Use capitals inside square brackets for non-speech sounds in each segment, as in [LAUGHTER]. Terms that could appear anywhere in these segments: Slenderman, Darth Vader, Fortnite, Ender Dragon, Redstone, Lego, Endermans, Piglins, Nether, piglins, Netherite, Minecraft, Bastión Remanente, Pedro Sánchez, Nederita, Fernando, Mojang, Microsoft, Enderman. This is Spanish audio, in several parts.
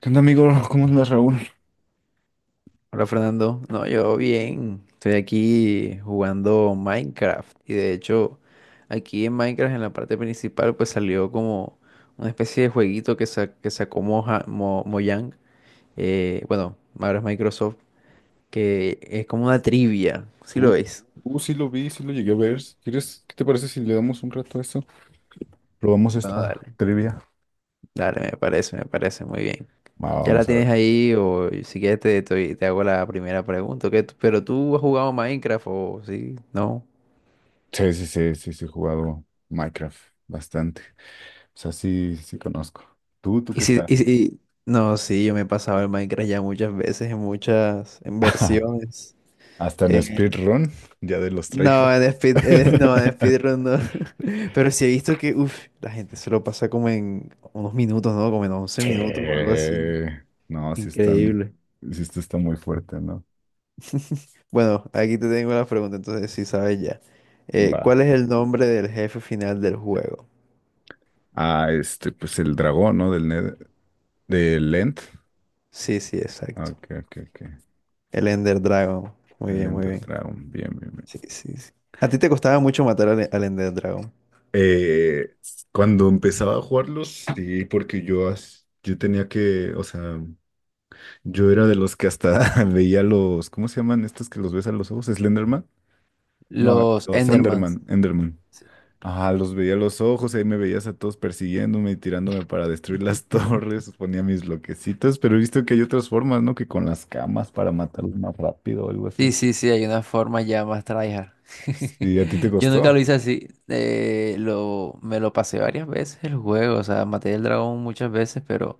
¿Qué onda, amigo? [LAUGHS] ¿Cómo andas, Raúl? Hola Fernando, no, yo bien, estoy aquí jugando Minecraft y de hecho aquí en Minecraft en la parte principal pues salió como una especie de jueguito que, que sacó Mojang, bueno, ahora es Microsoft, que es como una trivia, ¿si Uh, lo ves? Sí lo vi, sí lo llegué a ver. ¿Quieres, qué te parece si le damos un rato a esto? Probamos Bueno, esta dale, trivia. dale, me parece muy bien. Va, ¿Ya la vamos a ver. tienes ahí o si quieres te hago la primera pregunta? ¿Pero tú has jugado Minecraft o sí? ¿No? Sí, sí, sí, sí, sí, he jugado Minecraft bastante. O sea, sí, sí conozco. ¿Tú Y qué si, tal? y si- no, sí, yo me he pasado el Minecraft ya muchas veces, en muchas, en [LAUGHS] versiones. Hasta en Eh, speedrun, ya de los no, tryhards. [LAUGHS] [LAUGHS] No, en speedrun no. [LAUGHS] Pero sí he visto que, uff, la gente se lo pasa como en unos minutos, ¿no? Como en once Sí. minutos o algo así. No, sí están, Increíble. sí esto está muy fuerte, ¿no? Bueno, aquí te tengo la pregunta, entonces sí sabes ya. ¿Cuál Va. es el nombre del jefe final del juego? Ah, este, pues el dragón, ¿no? Del End. Sí, sí, Ah, exacto. ok, ok, ok. El Ender Dragon. Muy El bien, muy Ender bien. Dragon, bien, bien, bien. Sí, sí, sí. ¿A ti te costaba mucho matar al Ender Dragon? Eh, cuando empezaba a jugarlos, sí, porque yo, yo tenía que, o sea, yo era de los que hasta [LAUGHS] veía los, ¿cómo se llaman estos que los ves a los ojos? ¿Slenderman? No, Los los Endermans. Enderman, Enderman. Ah, los veía a los ojos, ahí me veías a todos persiguiéndome y tirándome para destruir las [LAUGHS] torres, ponía mis bloquecitos, pero he visto que hay otras formas, ¿no? Que con las camas para matarlos más rápido o algo así. Sí, sí, sí, hay una forma ya más tryhard. Sí, ¿a ti te [LAUGHS] Yo nunca costó? lo hice así. Me lo pasé varias veces el juego. O sea, maté el dragón muchas veces, pero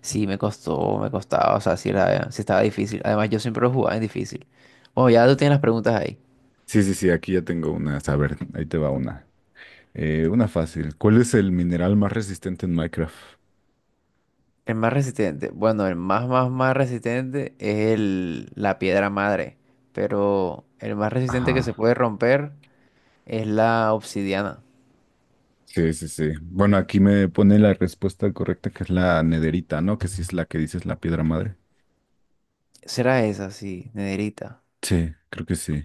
sí me costó, me costaba. O sea, sí, era, sí estaba difícil. Además, yo siempre lo jugaba en difícil. Bueno, ya tú tienes las preguntas ahí. Sí, sí, sí, aquí ya tengo una. A ver, ahí te va una. Una fácil. ¿Cuál es el mineral más resistente en Minecraft? El más resistente. Bueno, el más, más, más resistente es el, la piedra madre. Pero el más resistente que se Ajá. puede romper es la obsidiana. Sí, sí, sí. Bueno, aquí me pone la respuesta correcta, que es la nederita, ¿no? Que sí es la que dices la piedra madre. Será esa, sí, Nederita. Sí, creo que sí.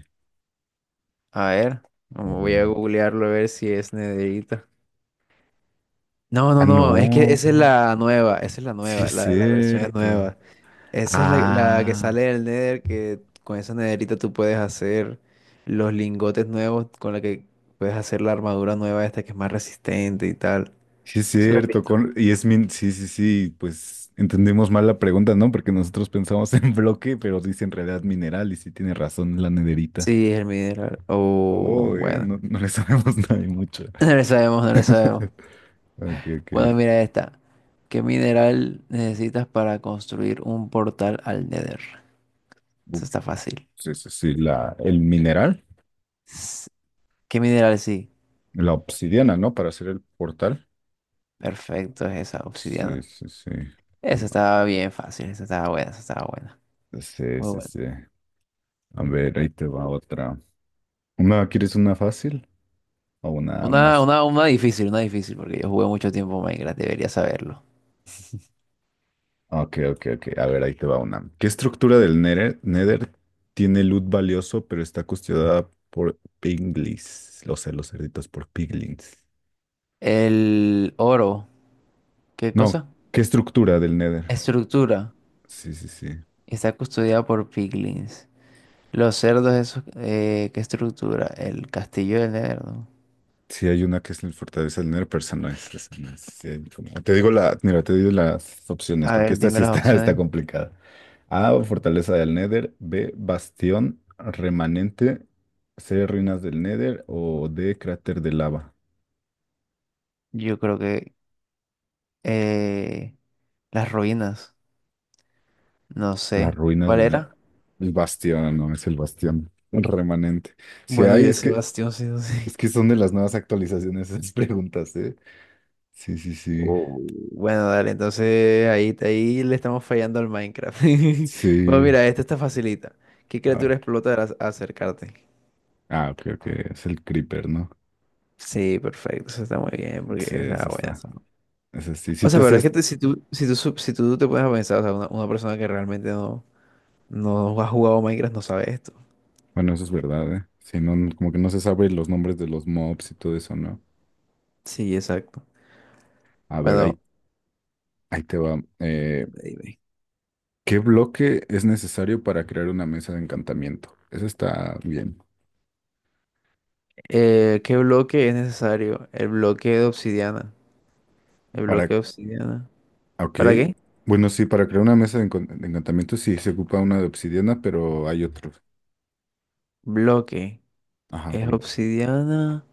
A ver, A vamos, voy ver. a googlearlo a ver si es Nederita. No, Ah, no, no, es que esa es no. la nueva, esa es la Sí nueva, es la de la versión es cierto. nueva. Esa es la que sale Ah, del Nether, que con esa Nederita tú puedes hacer los lingotes nuevos con la que puedes hacer la armadura nueva esta que es más resistente y tal. sí es ¿Sí lo has cierto. visto? Con... Y es min... Sí, sí, sí. Pues entendimos mal la pregunta, ¿no? Porque nosotros pensamos [LAUGHS] en bloque, pero dice en realidad mineral y sí tiene razón la nederita. Sí, es el mineral. Oh, Oh, bueno. no, no [CLEARS THROAT] le sabemos [LAUGHS] nada y mucho. [LAUGHS] No le sabemos, no le sabemos. [LAUGHS] Ok, ok. Bueno, mira esta. ¿Qué mineral necesitas para construir un portal al Nether? Uf, Eso está fácil. sí, sí, sí. La, el mineral, S- ¿Qué mineral sí? la obsidiana, ¿no? Para hacer el portal. Perfecto, es esa Sí, obsidiana. sí, sí. Esa estaba bien fácil, esa estaba buena, esa estaba buena. Sí, Muy sí, buena. sí. A ver, ahí te va otra. ¿Una, quieres una fácil o una Una, más? una, una difícil, una difícil, porque yo jugué mucho tiempo Minecraft, debería saberlo. Ok, ok, ok. A ver, ahí te va una. ¿Qué estructura del Nether tiene loot valioso, pero está custodiada por piglins? Lo sé, los cerditos por piglins. El oro, ¿qué No, cosa? ¿qué estructura del Nether? Estructura. Sí, sí, sí. Está custodiada por piglins. Los cerdos, esos, ¿qué estructura? El castillo del Nether, ¿no? Sí, hay una que es la fortaleza del nero, pero esa no es, esa no es. Sí, te digo la, mira, te digo las opciones, A porque ver, esta sí dime las está, [LAUGHS] está opciones. complicada. A, fortaleza del Nether; B, bastión remanente; C, ruinas del Nether; o D, cráter de lava. Yo creo que eh, las ruinas, no Las sé. ruinas ¿Cuál del era? Nether. El bastión, no, es el bastión remanente. Si Bueno, hay, yo ese bastión, sí, no sé. es que son de las nuevas actualizaciones esas [LAUGHS] preguntas, ¿eh? Sí, sí, sí. Oh, bueno, dale, entonces ahí, ahí le estamos fallando al Minecraft. [LAUGHS] Bueno, Sí. mira, esta está facilita. ¿Qué A ver. criatura explota al acercarte? Ah, creo que es el creeper, ¿no? Sí, perfecto, eso está muy bien, porque Sí, está esa buena, esa. está. Esa sí. O Sí sea, te pero es que hacías. Si tú te puedes a pensar, o sea, una persona que realmente no, no ha jugado Minecraft no sabe esto. Bueno, eso es verdad, ¿eh? Sí, como que no se sabe los nombres de los mobs y todo eso, ¿no? Sí, exacto. A ver, Bueno, ahí te va. Dime, dime. ¿Qué bloque es necesario para crear una mesa de encantamiento? Eso está bien. ¿Qué bloque es necesario? El bloque de obsidiana. El Para. bloque de obsidiana. Ok. ¿Para qué? Bueno, sí, para crear una mesa de, de encantamiento sí se ocupa una de obsidiana, pero hay otros. Bloque. Ajá, Es bloque. obsidiana.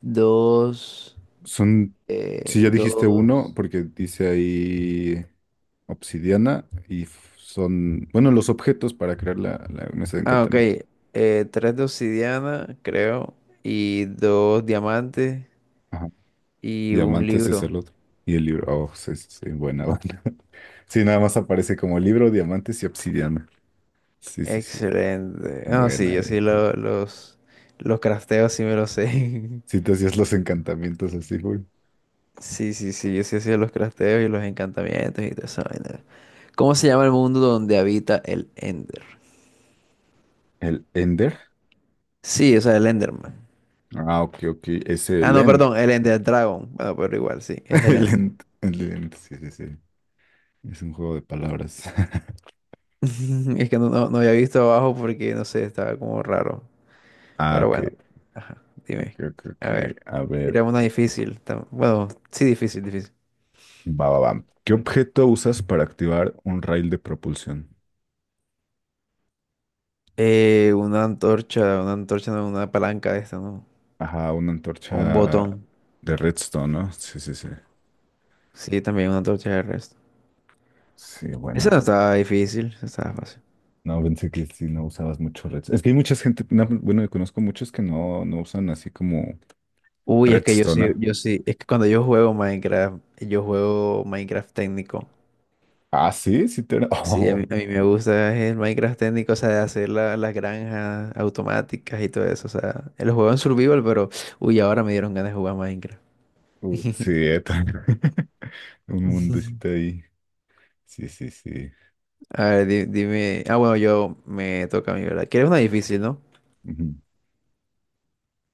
Dos. Son, si ya dijiste uno, Dos. porque dice ahí obsidiana y son, bueno, los objetos para crear la mesa de Ah, ok. encantamiento. Tres de obsidiana, creo. Y dos diamantes. Ajá. Y un Diamantes es libro. el otro. Y el libro, oh, sí, sí, sí, buena buena. [LAUGHS] Sí, nada más aparece como libro, diamantes y obsidiana. Sí, sí, sí. Excelente. Ah, Buena sí, yo ahí. sí lo- los crafteos, sí me los sé. Sí, [LAUGHS] te hacías los encantamientos así, güey. Sí, sí, sí, yo sí hacía los crafteos y los encantamientos y toda esa vaina. ¿Cómo se llama el mundo donde habita el Ender? El Ender. Sí, o sea, el Enderman. Ah, ok, ok. Es Ah, el no, End. perdón, el Ender Dragon. Bueno, pero igual, sí, es [LAUGHS] el El Ender. End. El End. Sí, sí, sí. Es un juego de palabras. [LAUGHS] [LAUGHS] Es que no, no, no había visto abajo porque, no sé, estaba como raro. Ah, Pero ok. bueno, ajá, dime. A ver, A ver, era una difícil. Bueno, sí, difícil, difícil. va, va, va. ¿Qué objeto usas para activar un rail de propulsión? Una antorcha, no, una palanca de esta, ¿no? Ajá, una O un antorcha botón. de redstone, ¿no? Sí, sí, sí. Sí, también una antorcha de resto. Sí, Esa bueno, no bueno. estaba difícil, esa estaba fácil. No, pensé que sí, no usabas mucho redstone. Es que hay mucha gente, no, bueno, conozco muchos que no, no usan así como Uy, es que redstone. ¿Ah? yo sí, es que cuando yo juego Minecraft técnico. Ah, sí, sí te... Sí, a [LAUGHS] mí me gusta el Minecraft técnico, o sea, de hacer las granjas automáticas y todo eso. O sea, lo juego en survival, pero uy, ahora me dieron ganas de jugar Minecraft. Oh, sí, también. [LAUGHS] Un mundecito [LAUGHS] ahí. Sí, sí, sí. A ver, dime. Ah, bueno, yo me toca a mí, ¿verdad? ¿Quieres una Sí, sí. difícil, no? Ujú.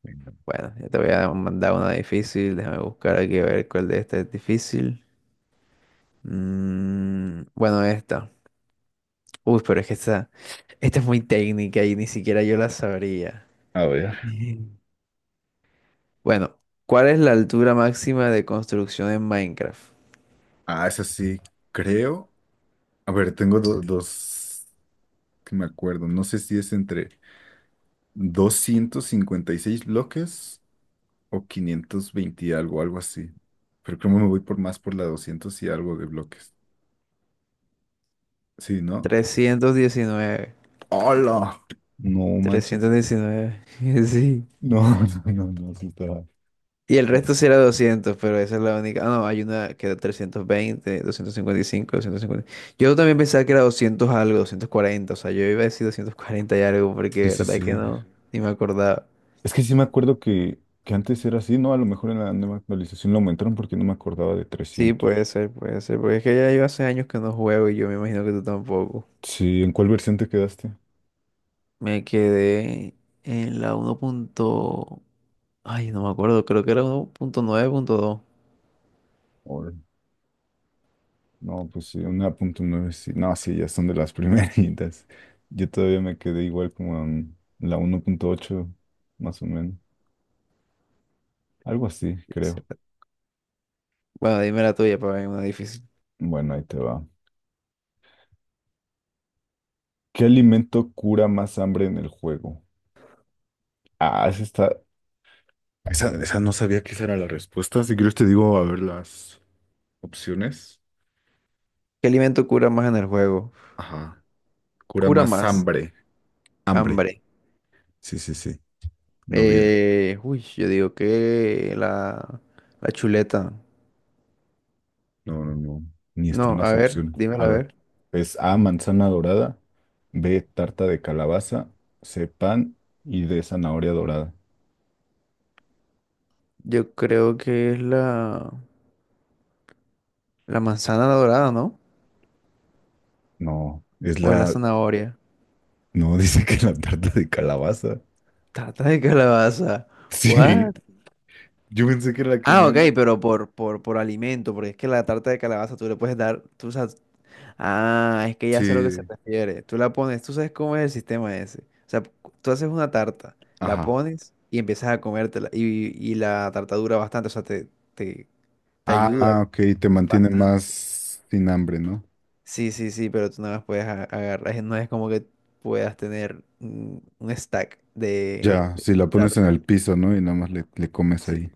Venga. Bueno, yo te voy a mandar una difícil. Déjame buscar aquí a ver cuál de estas es difícil. Mm, bueno, esta. Uy, pero es que esta es muy técnica y ni siquiera yo la sabría. A ver. Ujú. Bueno, ¿cuál es la altura máxima de construcción en Minecraft? Ah, esa sí, creo. A ver, tengo dos que me acuerdo. No sé si es entre 256 bloques o 520 y algo, algo así. Pero creo que me voy por más por la 200 y algo de bloques. Sí, ¿no? 319, ¡Hola! No manches. 319, [LAUGHS] Sí. No, [LAUGHS] no, no, no, sí estaba. Y el resto sí era 200, pero esa es la única. Ah, no, hay una que era 320, 255, 250. Yo también pensaba que era 200 algo, 240. O sea, yo iba a decir 240 y algo Sí, porque de sí, verdad sí. que no, ni me acordaba. Es que sí me acuerdo que antes era así, ¿no? A lo mejor en la nueva actualización lo aumentaron porque no me acordaba de Sí, 300. Puede ser, porque es que ya yo hace años que no juego y yo me imagino que tú tampoco. Sí, ¿en cuál versión te quedaste? Me quedé en la uno punto- Ay, no me acuerdo, creo que era 1.9.2. No, pues sí, 1.9, sí. No, sí, ya son de las [LAUGHS] primeritas. Yo todavía me quedé igual como en la 1.8 más o menos. Algo así, Sí. creo. Bueno, dime la tuya para ver una difícil. Bueno, ahí te va. ¿Qué alimento cura más hambre en el juego? Ah, esa está... Esa no sabía que esa era la respuesta. Si quieres te digo, a ver, las opciones. ¿Qué alimento cura más en el juego? Ajá. Cura Cura más más, hambre. Hambre. hambre. Sí, sí, sí. No vida. Uy, yo digo que la chuleta. No, no, no. Ni están No, las a ver, opciones. A dímelo a ver. ver. Es A, manzana dorada. B, tarta de calabaza. C, pan. Y D, zanahoria dorada. Yo creo que es la manzana dorada, ¿no? No, es O es la la... zanahoria. No, [LAUGHS] dice que la tarta de calabaza. [LAUGHS] Tarta de calabaza. Sí, What? yo pensé que era la que me Ah, ok, dieron. pero por alimento, porque es que la tarta de calabaza tú le puedes dar, tú sabes, ah, es que ya sé a lo que se Sí, refiere. Tú la pones, tú sabes cómo es el sistema ese. O sea, tú haces una tarta, la ajá. pones y empiezas a comértela. Y la tarta dura bastante, o sea, te, te ayuda Ah, ok, te mantiene bastante. más sin hambre, ¿no? Sí, sí, sí, pero tú no las puedes agarrar. No es como que puedas tener un stack Ya, de si la estas pones en tartas. el piso, ¿no? Y nada más le comes Sí. ahí.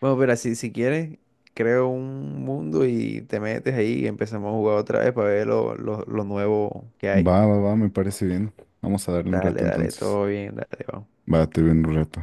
Bueno, pero así, si quieres, creo un mundo y te metes ahí y empezamos a jugar otra vez para ver lo nuevo que hay. Va, va, va, me parece bien. Vamos a darle un Dale, rato dale, entonces. todo bien, dale, vamos. Va, te veo en un rato.